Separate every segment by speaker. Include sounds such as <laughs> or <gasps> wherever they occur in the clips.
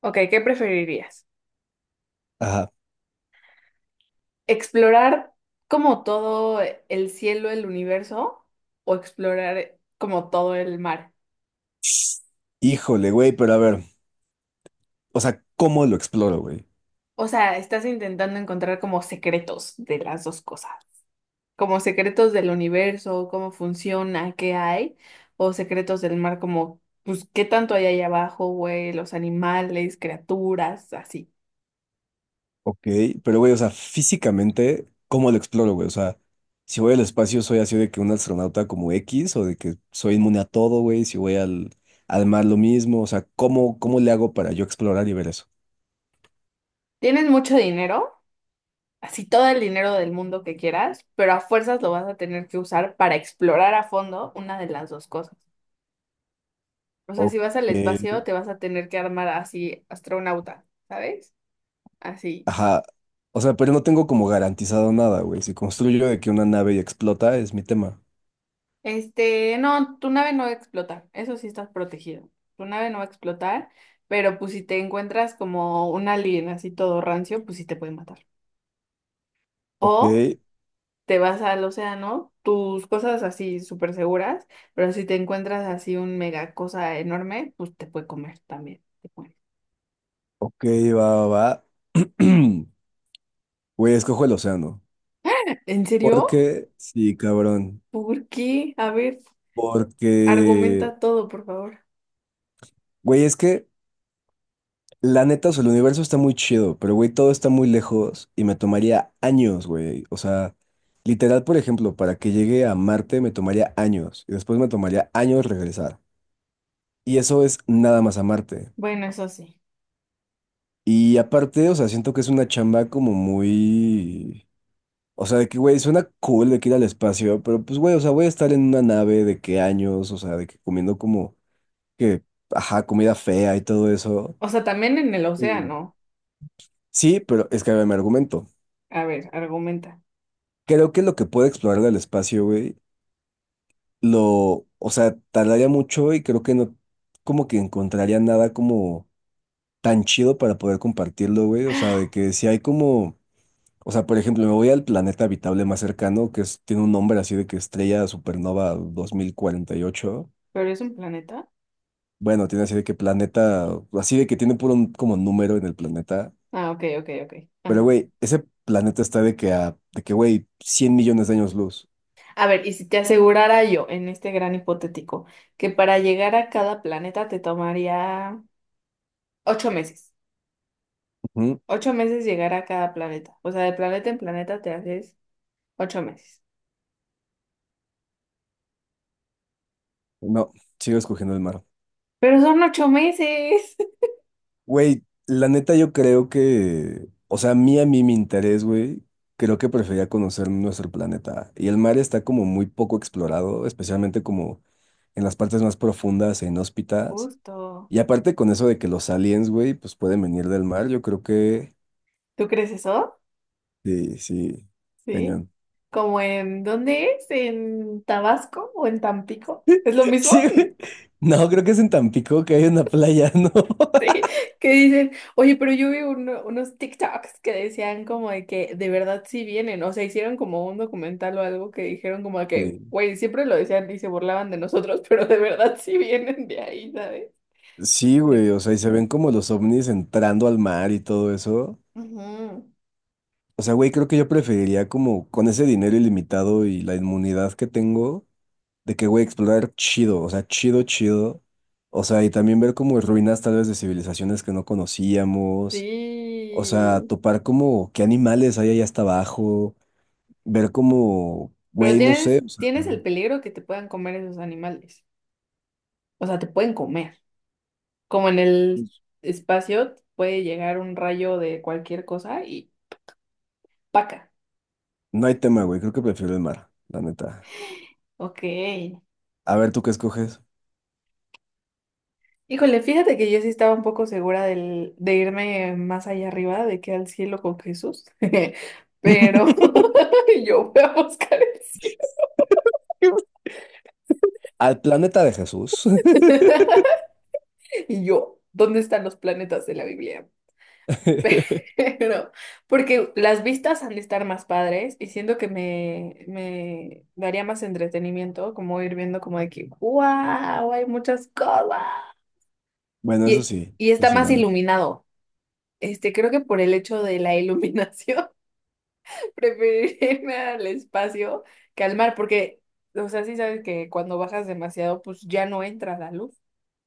Speaker 1: Ok, ¿qué preferirías?
Speaker 2: Ajá.
Speaker 1: ¿Explorar como todo el cielo, el universo, o explorar como todo el mar?
Speaker 2: Híjole, güey, pero a ver, o sea, ¿cómo lo exploro, güey?
Speaker 1: O sea, estás intentando encontrar como secretos de las dos cosas, como secretos del universo, cómo funciona, qué hay, o secretos del mar, como, pues, qué tanto hay ahí abajo, güey, los animales, criaturas, así.
Speaker 2: Ok, pero güey, o sea, físicamente, ¿cómo lo exploro, güey? O sea, si voy al espacio, ¿soy así de que un astronauta como X o de que soy inmune a todo, güey? Si voy al, al mar, lo mismo, o sea, ¿cómo, cómo le hago para yo explorar y ver eso?
Speaker 1: ¿Tienes mucho dinero? Así todo el dinero del mundo que quieras, pero a fuerzas lo vas a tener que usar para explorar a fondo una de las dos cosas. O sea,
Speaker 2: Ok,
Speaker 1: si vas al espacio, te vas a tener que armar así astronauta, ¿sabes? Así.
Speaker 2: ajá, o sea, pero no tengo como garantizado nada, güey. Si construyo de que una nave y explota, es mi tema.
Speaker 1: No, tu nave no va a explotar, eso sí estás protegido. Tu nave no va a explotar, pero pues si te encuentras como un alien así todo rancio, pues sí te puede matar.
Speaker 2: Ok,
Speaker 1: O te vas al océano, tus cosas así súper seguras, pero si te encuentras así un mega cosa enorme, pues te puede comer también. Te puede.
Speaker 2: ok, va, va, va. <clears throat> Güey, escojo el océano.
Speaker 1: ¿En serio?
Speaker 2: Porque, sí, cabrón.
Speaker 1: ¿Por qué? A ver,
Speaker 2: Porque,
Speaker 1: argumenta todo, por favor.
Speaker 2: güey, es que la neta, o sea, el universo está muy chido, pero, güey, todo está muy lejos y me tomaría años, güey. O sea, literal, por ejemplo, para que llegue a Marte me tomaría años y después me tomaría años regresar. Y eso es nada más a Marte.
Speaker 1: Bueno, eso sí.
Speaker 2: Y aparte, o sea, siento que es una chamba como muy... O sea, de que, güey, suena cool de que ir al espacio, pero pues, güey, o sea, voy a estar en una nave de qué años, o sea, de que comiendo como que, ajá, comida fea y todo eso.
Speaker 1: O sea, también en el
Speaker 2: Y
Speaker 1: océano.
Speaker 2: sí, pero es que me argumento.
Speaker 1: A ver, argumenta.
Speaker 2: Creo que lo que puede explorar del espacio, güey, lo, o sea, tardaría mucho y creo que no, como que encontraría nada como tan chido para poder compartirlo, güey. O sea, de que si hay como, o sea, por ejemplo, me voy al planeta habitable más cercano, que es- tiene un nombre así de que Estrella Supernova 2048.
Speaker 1: ¿Pero es un planeta?
Speaker 2: Bueno, tiene así de que planeta, así de que tiene puro un- como número en el planeta.
Speaker 1: Ah, ok, ok, ok.
Speaker 2: Pero,
Speaker 1: Ajá.
Speaker 2: güey, ese planeta está de que a, de que, güey, 100 millones de años luz.
Speaker 1: A ver, y si te asegurara yo, en este gran hipotético, que para llegar a cada planeta te tomaría ocho meses.
Speaker 2: Ujú.
Speaker 1: Ocho meses llegar a cada planeta. O sea, de planeta en planeta te haces ocho meses.
Speaker 2: No, sigo escogiendo el mar.
Speaker 1: Pero son ocho meses.
Speaker 2: Güey, la neta yo creo que, o sea, a mí, mi interés, güey, creo que prefería conocer nuestro planeta. Y el mar está como muy poco explorado, especialmente como en las partes más profundas e
Speaker 1: <laughs>
Speaker 2: inhóspitas.
Speaker 1: Justo.
Speaker 2: Y aparte con eso de que los aliens, güey, pues pueden venir del mar, yo creo que,
Speaker 1: ¿Tú crees eso?
Speaker 2: sí, sí,
Speaker 1: Sí.
Speaker 2: cañón. <laughs>
Speaker 1: ¿Como en dónde es? ¿En Tabasco o en Tampico? ¿Es lo mismo?
Speaker 2: Sí, güey.
Speaker 1: <laughs>
Speaker 2: No, creo que es en Tampico que hay una playa, ¿no? <laughs>
Speaker 1: Que dicen, oye, pero yo vi unos TikToks que decían como de que de verdad sí vienen. O sea, hicieron como un documental o algo que dijeron como de que,
Speaker 2: Sí.
Speaker 1: güey, siempre lo decían y se burlaban de nosotros, <laughs> pero de verdad sí vienen de ahí, ¿sabes?
Speaker 2: Sí,
Speaker 1: De
Speaker 2: güey, o
Speaker 1: que...
Speaker 2: sea, y se ven como los ovnis entrando al mar y todo eso.
Speaker 1: Ujú.
Speaker 2: O sea, güey, creo que yo preferiría como con ese dinero ilimitado y la inmunidad que tengo, de que, güey, explorar chido, o sea, chido, chido. O sea, y también ver como ruinas tal vez de civilizaciones que no conocíamos. O sea,
Speaker 1: Sí.
Speaker 2: topar como qué animales hay allá hasta abajo. Ver como,
Speaker 1: Pero
Speaker 2: güey, no
Speaker 1: tienes,
Speaker 2: sé, o sea,
Speaker 1: tienes el peligro que te puedan comer esos animales. O sea, te pueden comer. Como en el espacio puede llegar un rayo de cualquier cosa y ¡paca!
Speaker 2: no hay tema, güey, creo que prefiero el mar, la neta.
Speaker 1: Ok.
Speaker 2: A ver, ¿tú qué escoges?
Speaker 1: Híjole, fíjate que yo sí estaba un poco segura de irme más allá arriba, de que al cielo con Jesús. <laughs>
Speaker 2: <laughs>
Speaker 1: Pero <laughs> yo voy a buscar el
Speaker 2: Al planeta de Jesús.
Speaker 1: cielo. <laughs> Y yo, ¿dónde están los planetas de la Biblia?
Speaker 2: <laughs>
Speaker 1: <laughs> Pero, porque las vistas han de estar más padres y siento que me daría más entretenimiento, como ir viendo como de que, wow, hay muchas cosas.
Speaker 2: Bueno,
Speaker 1: Y, y
Speaker 2: eso
Speaker 1: está
Speaker 2: sí,
Speaker 1: más
Speaker 2: la neta.
Speaker 1: iluminado. Creo que por el hecho de la iluminación, <laughs> preferiría irme al espacio que al mar, porque, o sea, sí sabes que cuando bajas demasiado, pues ya no entra la luz.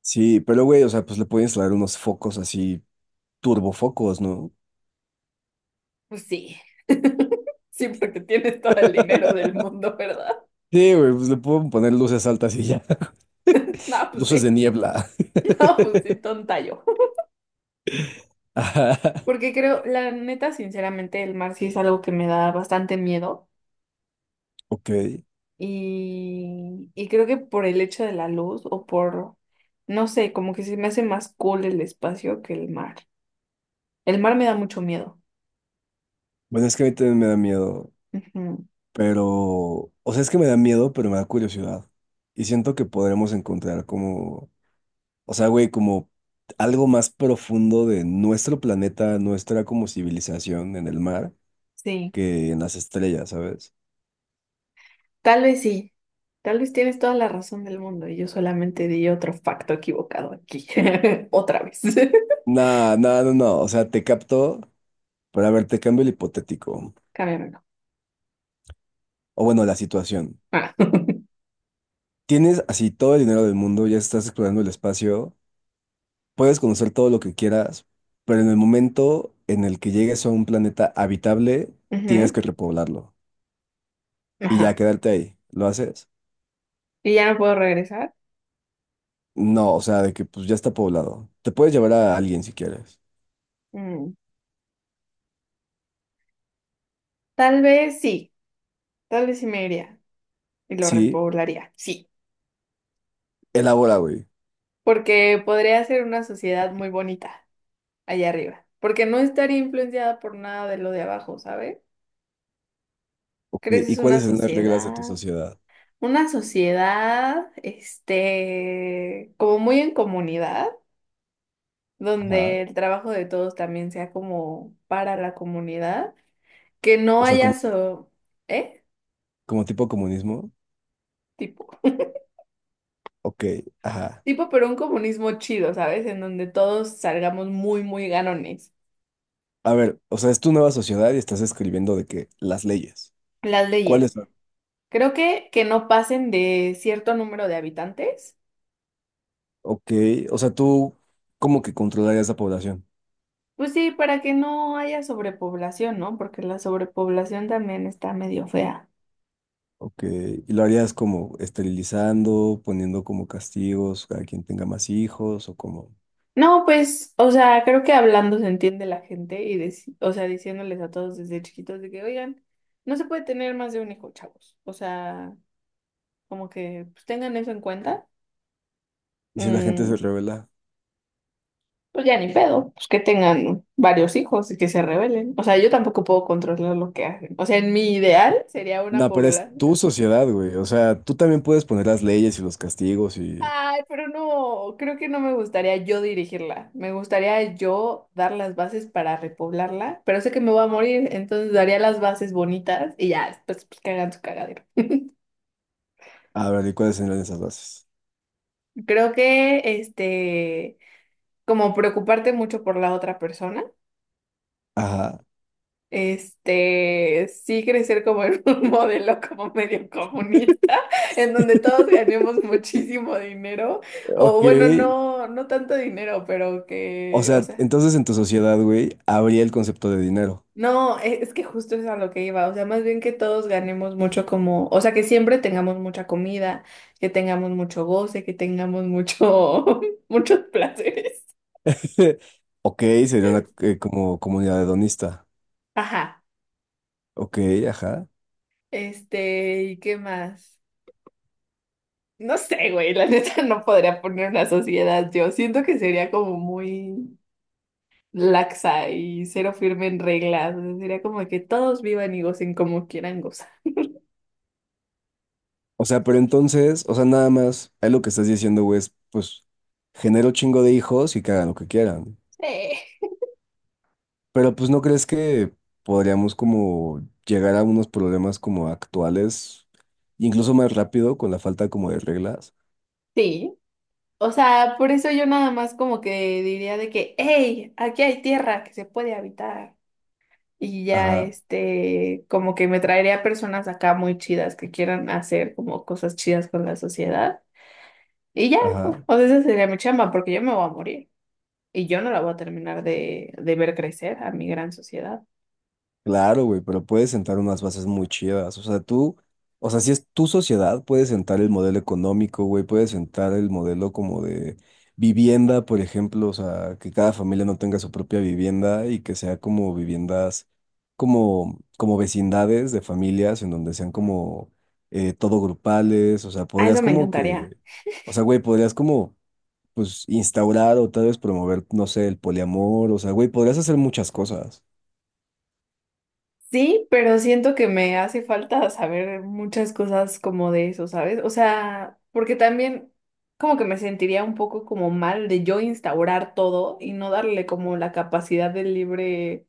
Speaker 2: Sí, pero güey, o sea, pues le puedo instalar unos focos así, turbofocos, ¿no?
Speaker 1: Pues sí, sí, porque tienes todo el dinero del
Speaker 2: <laughs>
Speaker 1: mundo, ¿verdad? <laughs>
Speaker 2: Sí, güey, pues le puedo poner luces altas y ya.
Speaker 1: No,
Speaker 2: <laughs>
Speaker 1: pues
Speaker 2: Luces de
Speaker 1: sí,
Speaker 2: niebla.
Speaker 1: <laughs> no, pues sí, tonta yo.
Speaker 2: <laughs> Ajá.
Speaker 1: Porque creo, la neta, sinceramente, el mar sí es algo que me da bastante miedo.
Speaker 2: Ok.
Speaker 1: Y creo que por el hecho de la luz o por, no sé, como que se me hace más cool el espacio que el mar. El mar me da mucho miedo.
Speaker 2: Bueno, es que a mí también me da miedo,
Speaker 1: Ujú.
Speaker 2: pero, o sea, es que me da miedo, pero me da curiosidad. Y siento que podremos encontrar como, o sea, güey, como algo más profundo de nuestro planeta, nuestra como civilización en el mar
Speaker 1: Sí,
Speaker 2: que en las estrellas, ¿sabes?
Speaker 1: sí. Tal vez tienes toda la razón del mundo y yo solamente di otro facto equivocado aquí. <laughs> Otra vez.
Speaker 2: No, no, no, no. O sea, te capto, pero a ver, te cambio el hipotético.
Speaker 1: <laughs> Cámbiamelo.
Speaker 2: O bueno, la situación.
Speaker 1: Ah. <laughs>
Speaker 2: Tienes así todo el dinero del mundo, ya estás explorando el espacio, puedes conocer todo lo que quieras, pero en el momento en el que llegues a un planeta habitable, tienes
Speaker 1: Ujú.
Speaker 2: que repoblarlo y ya
Speaker 1: Ajá.
Speaker 2: quedarte ahí. ¿Lo haces?
Speaker 1: ¿Y ya no puedo regresar?
Speaker 2: No, o sea, de que pues ya está poblado. Te puedes llevar a alguien si quieres.
Speaker 1: Mm, tal vez sí. Tal vez sí me iría. Y lo
Speaker 2: Sí,
Speaker 1: repoblaría, sí.
Speaker 2: elabora, güey.
Speaker 1: Porque podría ser una sociedad muy bonita allá arriba. Porque no estaría influenciada por nada de lo de abajo, ¿sabes?
Speaker 2: Ok, ¿y
Speaker 1: Creces
Speaker 2: cuáles son las reglas de tu sociedad?
Speaker 1: una sociedad, como muy en comunidad, donde
Speaker 2: Ajá.
Speaker 1: el trabajo de todos también sea como para la comunidad, que no
Speaker 2: O sea,
Speaker 1: haya
Speaker 2: como,
Speaker 1: so, ¿eh?
Speaker 2: como tipo comunismo.
Speaker 1: Tipo,
Speaker 2: Ok, ajá.
Speaker 1: tipo, pero un comunismo chido, ¿sabes? En donde todos salgamos muy, muy ganones.
Speaker 2: A ver, o sea, es tu nueva sociedad y estás escribiendo de que las leyes.
Speaker 1: Las leyes.
Speaker 2: ¿Cuáles son?
Speaker 1: Creo que no pasen de cierto número de habitantes.
Speaker 2: Ok, o sea, tú como que controlarías la población.
Speaker 1: Pues sí, para que no haya sobrepoblación, ¿no? Porque la sobrepoblación también está medio fea.
Speaker 2: Ok, y lo harías como esterilizando, poniendo como castigos a quien tenga más hijos o como...
Speaker 1: No, pues, o sea, creo que hablando se entiende la gente y, o sea, diciéndoles a todos desde chiquitos de que, oigan, no se puede tener más de un hijo, chavos. O sea, como que pues, tengan eso en cuenta.
Speaker 2: ¿Y si la gente se
Speaker 1: Mm,
Speaker 2: revela?
Speaker 1: pues ya ni pedo, pues que tengan varios hijos y que se rebelen. O sea, yo tampoco puedo controlar lo que hacen. O sea, en mi ideal sería una
Speaker 2: No, pero es
Speaker 1: población.
Speaker 2: tu sociedad, güey. O sea, tú también puedes poner las leyes y los castigos y...
Speaker 1: Ay, pero no, creo que no me gustaría yo dirigirla. Me gustaría yo dar las bases para repoblarla, pero sé que me voy a morir, entonces daría las bases bonitas y ya, después pues, que hagan su cagadero.
Speaker 2: A ver, ¿y cuáles serían esas bases?
Speaker 1: Creo que, como preocuparte mucho por la otra persona,
Speaker 2: Ajá,
Speaker 1: sí crecer como en <laughs> un modelo como medio comunista, en donde todos ganemos muchísimo dinero, o
Speaker 2: ok.
Speaker 1: bueno, no, no tanto dinero, pero
Speaker 2: O
Speaker 1: que, o
Speaker 2: sea,
Speaker 1: sea.
Speaker 2: entonces en tu sociedad, güey, habría el concepto de dinero.
Speaker 1: No, es que justo es a lo que iba, o sea, más bien que todos ganemos mucho como, o sea, que siempre tengamos mucha comida, que tengamos mucho goce, que tengamos mucho, <laughs> muchos placeres.
Speaker 2: <laughs> Ok, sería una como comunidad hedonista.
Speaker 1: Ajá,
Speaker 2: Ok, ajá.
Speaker 1: ¿y qué más? No sé, güey, la <laughs> neta no podría poner una sociedad, yo siento que sería como muy laxa y cero firme en reglas, o sea, sería como que todos vivan y gocen como quieran gozar.
Speaker 2: O sea, pero entonces, o sea, nada más, ahí lo que estás diciendo, güey, es, pues, genero chingo de hijos y que hagan lo que quieran.
Speaker 1: Sí.
Speaker 2: Pero pues, ¿no crees que podríamos como llegar a unos problemas como actuales, incluso más rápido con la falta como de reglas?
Speaker 1: Sí. O sea, por eso yo nada más como que diría de que, hey, aquí hay tierra que se puede habitar. Y ya,
Speaker 2: Ajá,
Speaker 1: como que me traería personas acá muy chidas que quieran hacer como cosas chidas con la sociedad. Y ya,
Speaker 2: ajá.
Speaker 1: o sea, esa sería mi chamba, porque yo me voy a morir. Y yo no la voy a terminar de ver crecer a mi gran sociedad.
Speaker 2: Claro, güey, pero puedes sentar unas bases muy chidas. O sea, tú, o sea, si es tu sociedad, puedes sentar el modelo económico, güey, puedes sentar el modelo como de vivienda, por ejemplo, o sea, que cada familia no tenga su propia vivienda y que sea como viviendas, como, como vecindades de familias en donde sean como todo grupales, o sea,
Speaker 1: A
Speaker 2: podrías
Speaker 1: eso me
Speaker 2: como
Speaker 1: encantaría.
Speaker 2: que, o sea, güey, podrías como, pues, instaurar o tal vez promover, no sé, el poliamor, o sea, güey, podrías hacer muchas cosas.
Speaker 1: Sí, pero siento que me hace falta saber muchas cosas como de eso, ¿sabes? O sea, porque también como que me sentiría un poco como mal de yo instaurar todo y no darle como la capacidad del libre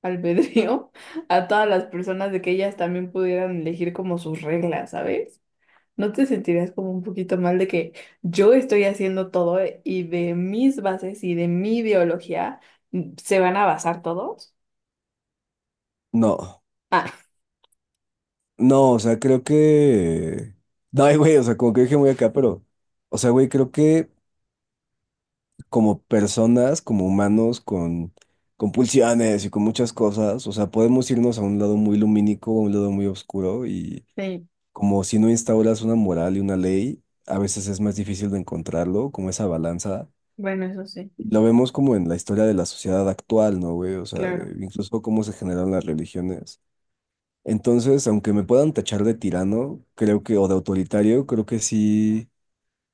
Speaker 1: albedrío <laughs> a todas las personas de que ellas también pudieran elegir como sus reglas, ¿sabes? ¿No te sentirías como un poquito mal de que yo estoy haciendo todo y de mis bases y de mi ideología mm, se van a basar todos?
Speaker 2: No.
Speaker 1: Ah,
Speaker 2: No, o sea, creo que... No, ay, güey, o sea, como que dije muy acá, pero... O sea, güey, creo que como personas, como humanos, con pulsiones y con muchas cosas, o sea, podemos irnos a un lado muy lumínico, a un lado muy oscuro, y
Speaker 1: sí,
Speaker 2: como si no instauras una moral y una ley, a veces es más difícil de encontrarlo, como esa balanza.
Speaker 1: bueno, eso sí.
Speaker 2: Lo vemos como en la historia de la sociedad actual, ¿no, güey? O sea,
Speaker 1: Claro.
Speaker 2: de- incluso cómo se generaron las religiones. Entonces, aunque me puedan tachar de tirano, creo que, o de autoritario, creo que sí.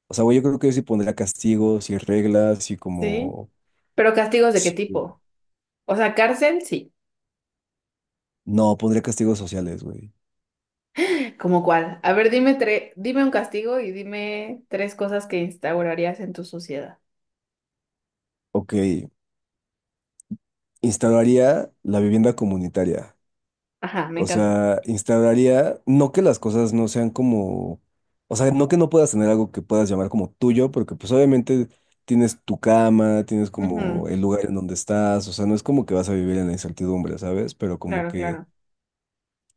Speaker 2: O sea, güey, yo creo que sí pondría castigos y reglas y
Speaker 1: Sí.
Speaker 2: como.
Speaker 1: ¿Pero castigos de qué
Speaker 2: Sí.
Speaker 1: tipo? O sea, cárcel, sí.
Speaker 2: No, pondría castigos sociales, güey.
Speaker 1: ¿Cómo cuál? A ver, dime dime un castigo y dime tres cosas que instaurarías en tu sociedad.
Speaker 2: Ok. Instauraría la vivienda comunitaria.
Speaker 1: Ajá, me
Speaker 2: O
Speaker 1: encanta.
Speaker 2: sea, instauraría. No que las cosas no sean como. O sea, no que no puedas tener algo que puedas llamar como tuyo, porque pues obviamente tienes tu cama, tienes
Speaker 1: Ujú.
Speaker 2: como el lugar en donde estás. O sea, no es como que vas a vivir en la incertidumbre, ¿sabes? Pero como
Speaker 1: Claro,
Speaker 2: que
Speaker 1: claro.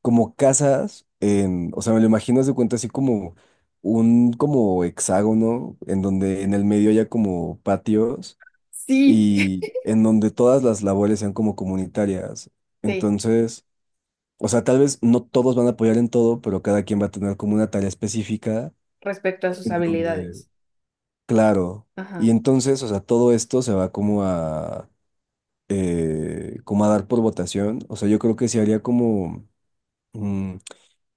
Speaker 2: como casas en, o sea, me lo imagino, haz de cuenta así como un como hexágono en donde en el medio haya como patios
Speaker 1: Sí.
Speaker 2: y
Speaker 1: <laughs>
Speaker 2: en donde todas las labores sean como comunitarias.
Speaker 1: Sí,
Speaker 2: Entonces, o sea, tal vez no todos van a apoyar en todo, pero cada quien va a tener como una tarea específica
Speaker 1: respecto a sus
Speaker 2: en donde,
Speaker 1: habilidades.
Speaker 2: claro,
Speaker 1: Ajá.
Speaker 2: y entonces, o sea, todo esto se va como a como a dar por votación. O sea, yo creo que se haría como mm,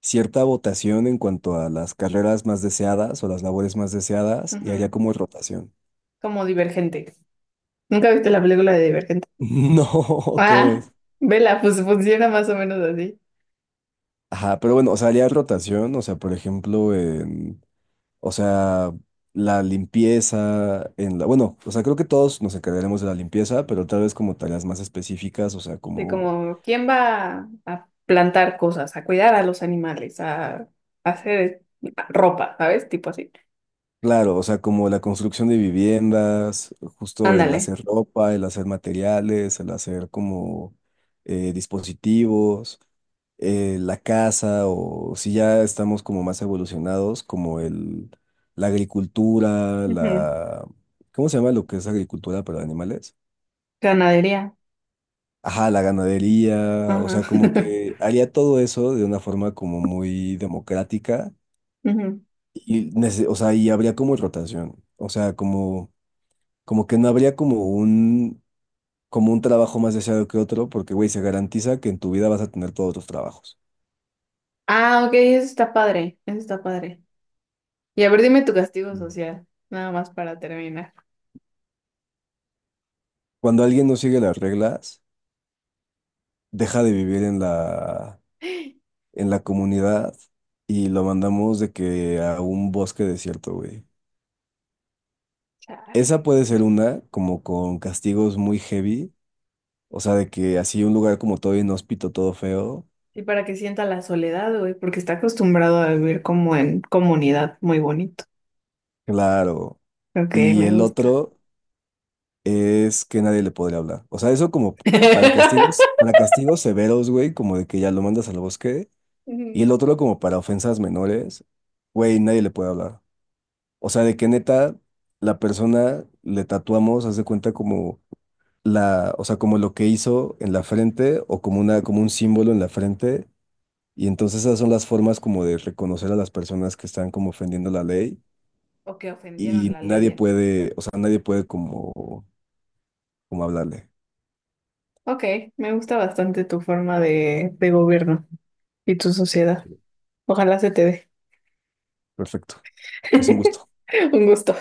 Speaker 2: cierta votación en cuanto a las carreras más deseadas o las labores más deseadas y haría
Speaker 1: Ujú.
Speaker 2: como rotación. <laughs>
Speaker 1: Como Divergente. ¿Nunca viste la película de Divergente?
Speaker 2: No, ¿cómo
Speaker 1: Ah,
Speaker 2: es?
Speaker 1: vela, pues funciona más o menos así.
Speaker 2: Ajá, pero bueno, o sea, haría rotación, o sea, por ejemplo, en, o sea, la limpieza, en la, bueno, o sea, creo que todos nos encargaremos de la limpieza, pero tal vez como tareas más específicas, o sea,
Speaker 1: Sí,
Speaker 2: como,
Speaker 1: como, ¿quién va a plantar cosas, a cuidar a los animales, a hacer ropa, ¿sabes? Tipo así.
Speaker 2: claro, o sea, como la construcción de viviendas, justo el
Speaker 1: Ándale.
Speaker 2: hacer ropa, el hacer materiales, el hacer como dispositivos. La caza o si ya estamos como más evolucionados, como el, la agricultura,
Speaker 1: Ujú.
Speaker 2: la... ¿Cómo se llama lo que es agricultura para animales?
Speaker 1: Ganadería.
Speaker 2: Ajá, la ganadería, o
Speaker 1: Ajá.
Speaker 2: sea, como
Speaker 1: <laughs>
Speaker 2: que haría todo eso de una forma como muy democrática
Speaker 1: Ujú.
Speaker 2: y, nece- o sea, y habría como rotación, o sea, como, como que no habría como un trabajo más deseado que otro, porque, güey, se garantiza que en tu vida vas a tener todos los trabajos.
Speaker 1: Ah, ok, eso está padre, eso está padre. Y a ver, dime tu castigo
Speaker 2: Mm.
Speaker 1: social, nada más para terminar.
Speaker 2: Cuando alguien no sigue las reglas, deja de vivir
Speaker 1: <gasps>
Speaker 2: en la comunidad y lo mandamos de que a un bosque desierto, güey. Esa
Speaker 1: Chale.
Speaker 2: puede ser una, como con castigos muy heavy, o sea, de que así un lugar como todo inhóspito, todo feo,
Speaker 1: Y para que sienta la soledad, güey, porque está acostumbrado a vivir como en comunidad, muy bonito.
Speaker 2: claro.
Speaker 1: Ok,
Speaker 2: Y
Speaker 1: me
Speaker 2: el
Speaker 1: gusta.
Speaker 2: otro es que nadie le podría hablar. O sea, eso como
Speaker 1: <laughs>
Speaker 2: para castigos severos, güey, como de que ya lo mandas al bosque. Y
Speaker 1: Ujú.
Speaker 2: el otro como para ofensas menores, güey, nadie le puede hablar. O sea, de que neta, la persona le tatuamos, haz de cuenta como la, o sea, como lo que hizo en la frente o como una, como un símbolo en la frente. Y entonces esas son las formas como de reconocer a las personas que están como ofendiendo la ley
Speaker 1: O que ofendieron
Speaker 2: y
Speaker 1: la ley.
Speaker 2: nadie puede, o sea, nadie puede como, como hablarle.
Speaker 1: Ok, me gusta bastante tu forma de gobierno y tu sociedad.
Speaker 2: Sí.
Speaker 1: Ojalá se te dé.
Speaker 2: Perfecto. Pues un gusto.
Speaker 1: <laughs> Un gusto.